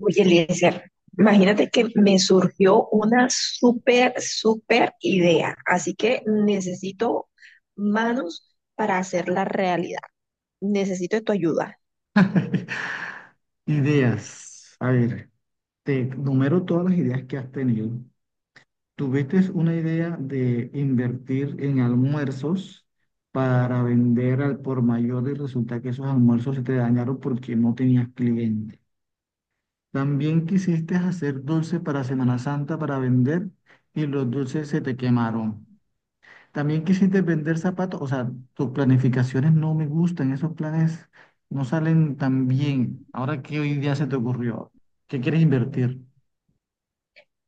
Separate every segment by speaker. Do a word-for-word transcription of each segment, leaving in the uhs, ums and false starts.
Speaker 1: Oye, Eliezer, imagínate que me surgió una súper, súper idea, así que necesito manos para hacerla realidad. Necesito tu ayuda.
Speaker 2: Ideas. A ver, te numero todas las ideas que has tenido. ¿Tuviste una idea de invertir en almuerzos para vender al por mayor y resulta que esos almuerzos se te dañaron porque no tenías cliente? También quisiste hacer dulce para Semana Santa para vender y los dulces se te quemaron. También quisiste vender zapatos, o sea, tus planificaciones no me gustan, esos planes no salen tan bien. Ahora, ¿qué hoy día se te ocurrió? ¿Qué quieres invertir?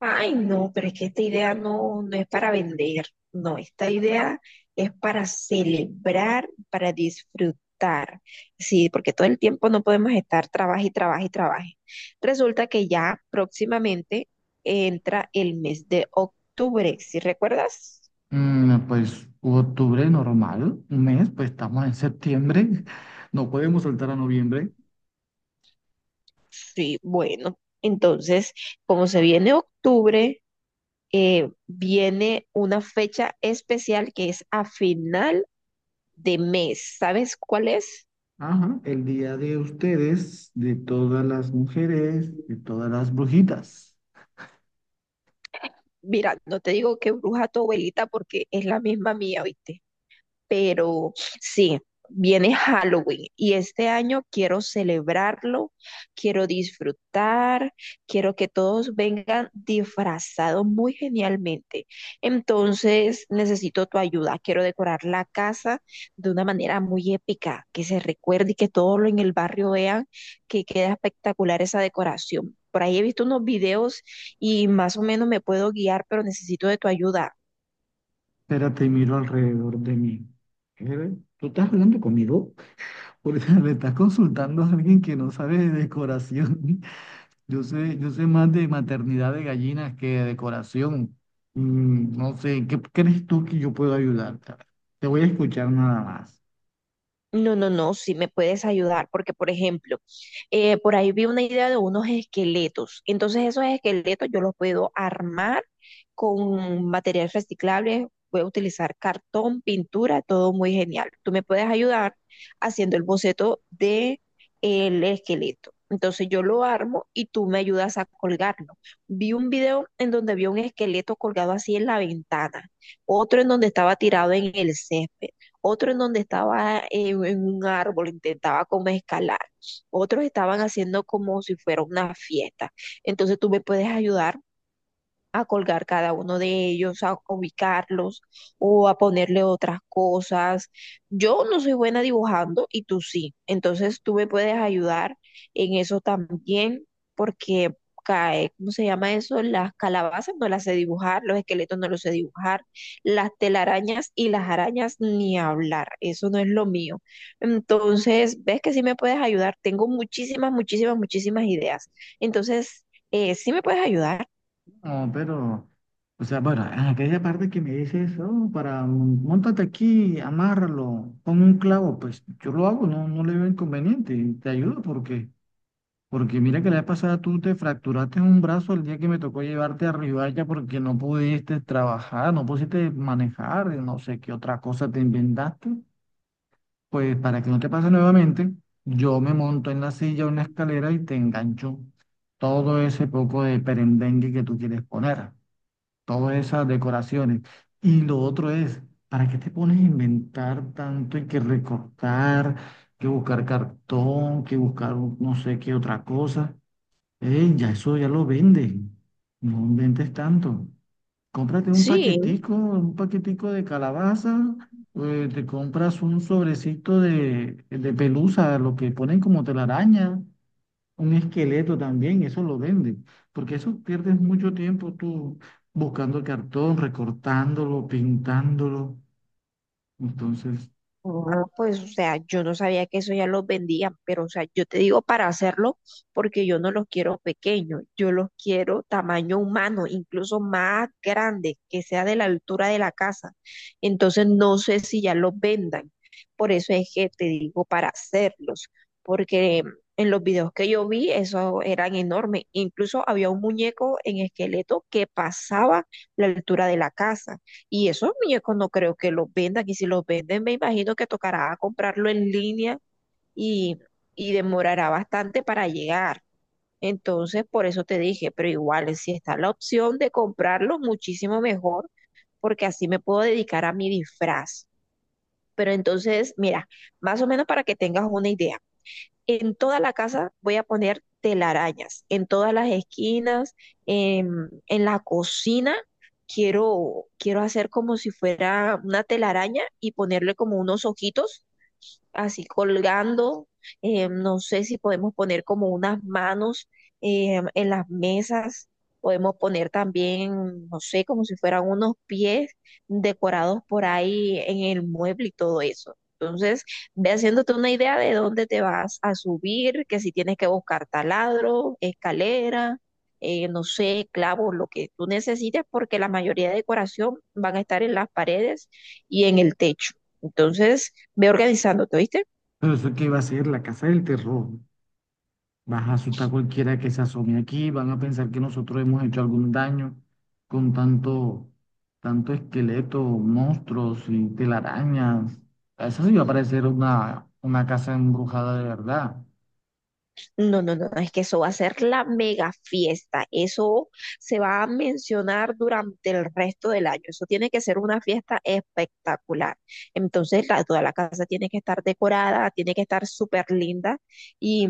Speaker 1: Ay, no, pero es que esta idea no, no es para vender, no, esta idea es para celebrar, para disfrutar, sí, porque todo el tiempo no podemos estar trabaje y trabaje y trabaje. Resulta que ya próximamente entra el mes de octubre, ¿sí recuerdas?
Speaker 2: Mm, pues octubre normal, un mes, pues estamos en septiembre, no podemos saltar a noviembre.
Speaker 1: Sí, bueno, entonces, como se viene octubre, eh, viene una fecha especial que es a final de mes, ¿sabes cuál es?
Speaker 2: Ajá, el día de ustedes, de todas las mujeres, de todas las brujitas.
Speaker 1: Mira, no te digo que bruja tu abuelita porque es la misma mía, ¿viste? Pero sí, viene Halloween y este año quiero celebrarlo, quiero disfrutar, quiero que todos vengan disfrazados muy genialmente. Entonces necesito tu ayuda, quiero decorar la casa de una manera muy épica, que se recuerde y que todos en el barrio vean que queda espectacular esa decoración. Por ahí he visto unos videos y más o menos me puedo guiar, pero necesito de tu ayuda.
Speaker 2: Espérate, miro alrededor de mí. ¿Qué? ¿Tú estás hablando conmigo? Porque me estás consultando a alguien que no sabe de decoración. Yo sé, yo sé más de maternidad de gallinas que de decoración. Mm, no sé, ¿en ¿qué crees tú que yo puedo ayudarte? A ver, te voy a escuchar nada más.
Speaker 1: No, no, no, sí me puedes ayudar, porque por ejemplo, eh, por ahí vi una idea de unos esqueletos. Entonces esos esqueletos yo los puedo armar con material reciclable, voy a utilizar cartón, pintura, todo muy genial. Tú me puedes ayudar haciendo el boceto de el esqueleto. Entonces yo lo armo y tú me ayudas a colgarlo. Vi un video en donde vi un esqueleto colgado así en la ventana, otro en donde estaba tirado en el césped, otro en donde estaba en, en un árbol, intentaba como escalar, otros estaban haciendo como si fuera una fiesta. Entonces tú me puedes ayudar a colgar cada uno de ellos, a ubicarlos o a ponerle otras cosas. Yo no soy buena dibujando y tú sí. Entonces tú me puedes ayudar en eso también porque cae, ¿cómo se llama eso? Las calabazas no las sé dibujar, los esqueletos no los sé dibujar, las telarañas y las arañas ni hablar. Eso no es lo mío. Entonces, ves que sí me puedes ayudar. Tengo muchísimas, muchísimas, muchísimas ideas. Entonces, eh, sí me puedes ayudar.
Speaker 2: No, pero, o sea, bueno, en aquella parte que me dices, oh, para, mm, móntate aquí, amárralo, pon un clavo, pues yo lo hago, no, no le veo inconveniente, te ayudo porque Porque mira que la vez pasada tú te fracturaste un brazo el día que me tocó llevarte a Ribadavia porque no pudiste trabajar, no pudiste manejar, no sé qué otra cosa te inventaste. Pues para que no te pase nuevamente, yo me monto en la silla o en la escalera y te engancho todo ese poco de perendengue que tú quieres poner, todas esas decoraciones. Y lo otro es, ¿para qué te pones a inventar tanto y que recortar, que buscar cartón, que buscar un- no sé qué otra cosa? Ey, ya eso ya lo venden. No inventes tanto. Cómprate un
Speaker 1: Sí.
Speaker 2: paquetico, un paquetico de calabaza, eh, te compras un sobrecito de, de pelusa, lo que ponen como telaraña, un esqueleto también, eso lo venden. Porque eso pierdes mucho tiempo tú buscando el cartón, recortándolo, pintándolo. Entonces,
Speaker 1: Ah, pues, o sea, yo no sabía que eso ya los vendían, pero, o sea, yo te digo para hacerlo porque yo no los quiero pequeños, yo los quiero tamaño humano, incluso más grande, que sea de la altura de la casa. Entonces, no sé si ya los vendan. Por eso es que te digo para hacerlos, porque en los videos que yo vi, eso eran enormes. Incluso había un muñeco en esqueleto que pasaba la altura de la casa. Y esos muñecos no creo que los vendan. Y si los venden, me imagino que tocará comprarlo en línea y, y demorará bastante para llegar. Entonces, por eso te dije, pero igual, si está la opción de comprarlo, muchísimo mejor, porque así me puedo dedicar a mi disfraz. Pero entonces, mira, más o menos para que tengas una idea. En toda la casa voy a poner telarañas, en todas las esquinas, en, en la cocina. Quiero, quiero hacer como si fuera una telaraña y ponerle como unos ojitos así colgando. eh, no sé si podemos poner como unas manos eh, en las mesas. Podemos poner también, no sé, como si fueran unos pies decorados por ahí en el mueble y todo eso. Entonces, ve haciéndote una idea de dónde te vas a subir, que si tienes que buscar taladro, escalera, eh, no sé, clavos, lo que tú necesites, porque la mayoría de decoración van a estar en las paredes y en el techo. Entonces, ve organizándote, ¿oíste?
Speaker 2: pero eso qué va a ser la casa del terror. Vas a asustar a cualquiera que se asome aquí, van a pensar que nosotros hemos hecho algún daño con tanto, tanto esqueleto, monstruos y telarañas. Eso sí va a parecer una, una casa embrujada de verdad.
Speaker 1: No, no, no, es que eso va a ser la mega fiesta. Eso se va a mencionar durante el resto del año. Eso tiene que ser una fiesta espectacular. Entonces, la- toda la casa tiene que estar decorada, tiene que estar súper linda. Y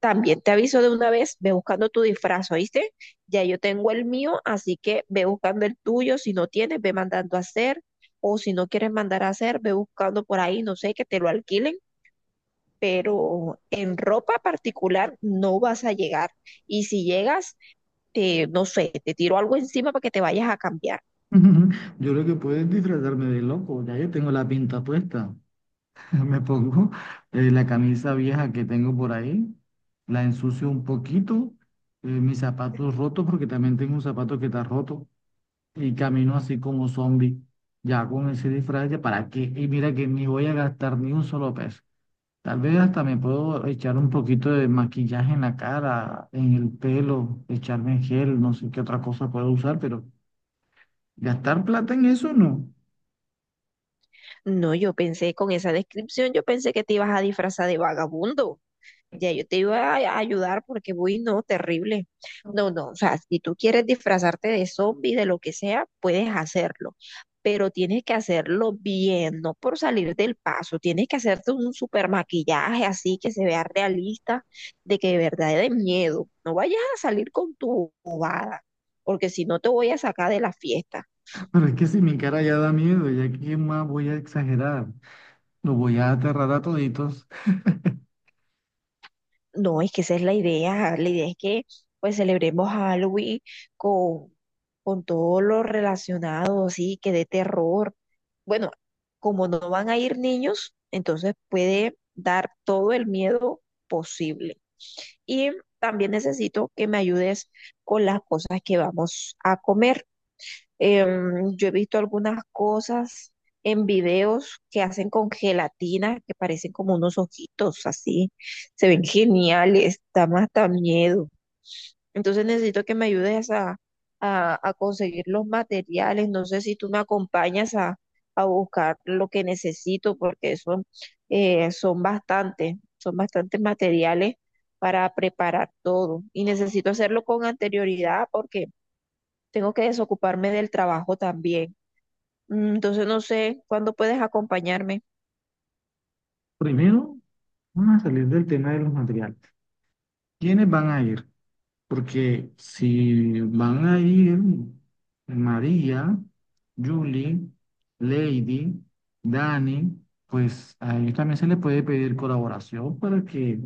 Speaker 1: también te aviso de una vez, ve buscando tu disfraz, ¿oíste? Ya yo tengo el mío, así que ve buscando el tuyo. Si no tienes, ve mandando a hacer. O si no quieres mandar a hacer, ve buscando por ahí, no sé, que te lo alquilen, pero en ropa particular no vas a llegar. Y si llegas, te, no sé, te tiro algo encima para que te vayas a cambiar.
Speaker 2: Yo creo que puedes disfrazarme de loco, ya yo tengo la pinta puesta. Me pongo eh, la camisa vieja que tengo por ahí, la ensucio un poquito, eh, mis zapatos rotos, porque también tengo un zapato que está roto. Y camino así como zombie, ya con ese disfraz, ya para qué, y mira que ni voy a gastar ni un solo peso. Tal vez hasta me puedo echar un poquito de maquillaje en la cara, en el pelo, echarme gel, no sé qué otra cosa puedo usar, pero gastar plata en eso no.
Speaker 1: No, yo pensé con esa descripción, yo pensé que te ibas a disfrazar de vagabundo. Ya yo te iba a a ayudar porque, uy, no, terrible. No, no, o sea, si tú quieres disfrazarte de zombie, de lo que sea, puedes hacerlo, pero tienes que hacerlo bien, no por salir del paso. Tienes que hacerte un super maquillaje así que se vea realista, de que de verdad de miedo. No vayas a salir con tu bobada, porque si no te voy a sacar de la fiesta.
Speaker 2: Pero es que si mi cara ya da miedo, ya qué más voy a exagerar, los voy a aterrar a toditos.
Speaker 1: No, es que esa es la idea. La idea es que pues celebremos Halloween con, con todo lo relacionado, así que de terror. Bueno, como no van a ir niños, entonces puede dar todo el miedo posible. Y también necesito que me ayudes con las cosas que vamos a comer. Em, yo he visto algunas cosas en videos que hacen con gelatina, que parecen como unos ojitos así. Se ven geniales, da más hasta miedo. Entonces necesito que me ayudes a, a- a conseguir los materiales. No sé si tú me acompañas a, a buscar lo que necesito, porque eso eh, son bastantes, son bastantes materiales para preparar todo. Y necesito hacerlo con anterioridad porque tengo que desocuparme del trabajo también. Mm, Entonces no sé cuándo puedes acompañarme.
Speaker 2: Primero, vamos a salir del tema de los materiales. ¿Quiénes van a ir? Porque si van a ir María, Julie, Lady, Dani, pues a ellos también se les puede pedir colaboración para que,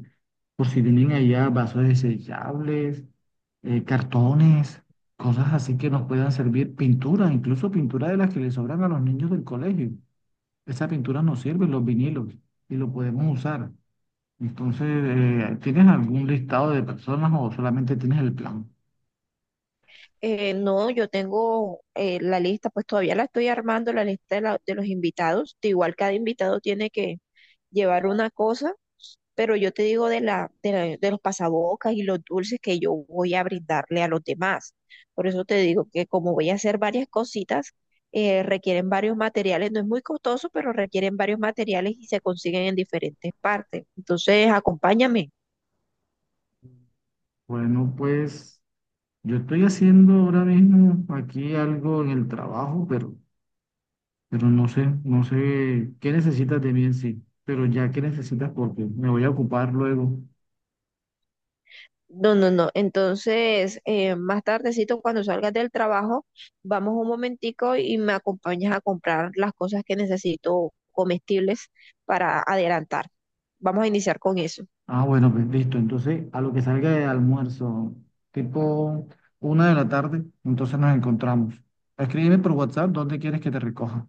Speaker 2: por si tienen allá vasos desechables, eh, cartones, cosas así que nos puedan servir, pintura, incluso pintura de las que les sobran a los niños del colegio. Esa pintura nos sirve, los vinilos, y lo podemos usar. Entonces, eh, ¿tienes algún listado de personas o solamente tienes el plan?
Speaker 1: Eh, no, yo tengo eh, la lista, pues todavía la estoy armando, la lista de, la- de los invitados. De igual cada invitado tiene que llevar una cosa, pero yo te digo de la, de la- de los pasabocas y los dulces que yo voy a brindarle a los demás. Por eso te digo que como voy a hacer varias cositas, eh, requieren varios materiales. No es muy costoso, pero requieren varios materiales y se consiguen en diferentes partes. Entonces, acompáñame.
Speaker 2: Bueno, pues yo estoy haciendo ahora mismo aquí algo en el trabajo, pero, pero no sé, no sé qué necesitas de mí en sí, pero ya qué necesitas porque me voy a ocupar luego.
Speaker 1: No, no, no. Entonces, eh, más tardecito, cuando salgas del trabajo, vamos un momentico y me acompañas a comprar las cosas que necesito comestibles para adelantar. Vamos a iniciar con eso.
Speaker 2: Ah, bueno, pues listo. Entonces, a lo que salga de almuerzo, tipo una de la tarde, entonces nos encontramos. Escríbeme por WhatsApp dónde quieres que te recoja.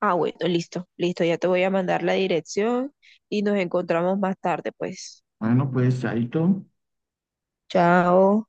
Speaker 1: Ah, bueno, listo, listo. Ya te voy a mandar la dirección y nos encontramos más tarde, pues.
Speaker 2: Bueno, pues ahí todo.
Speaker 1: Chao.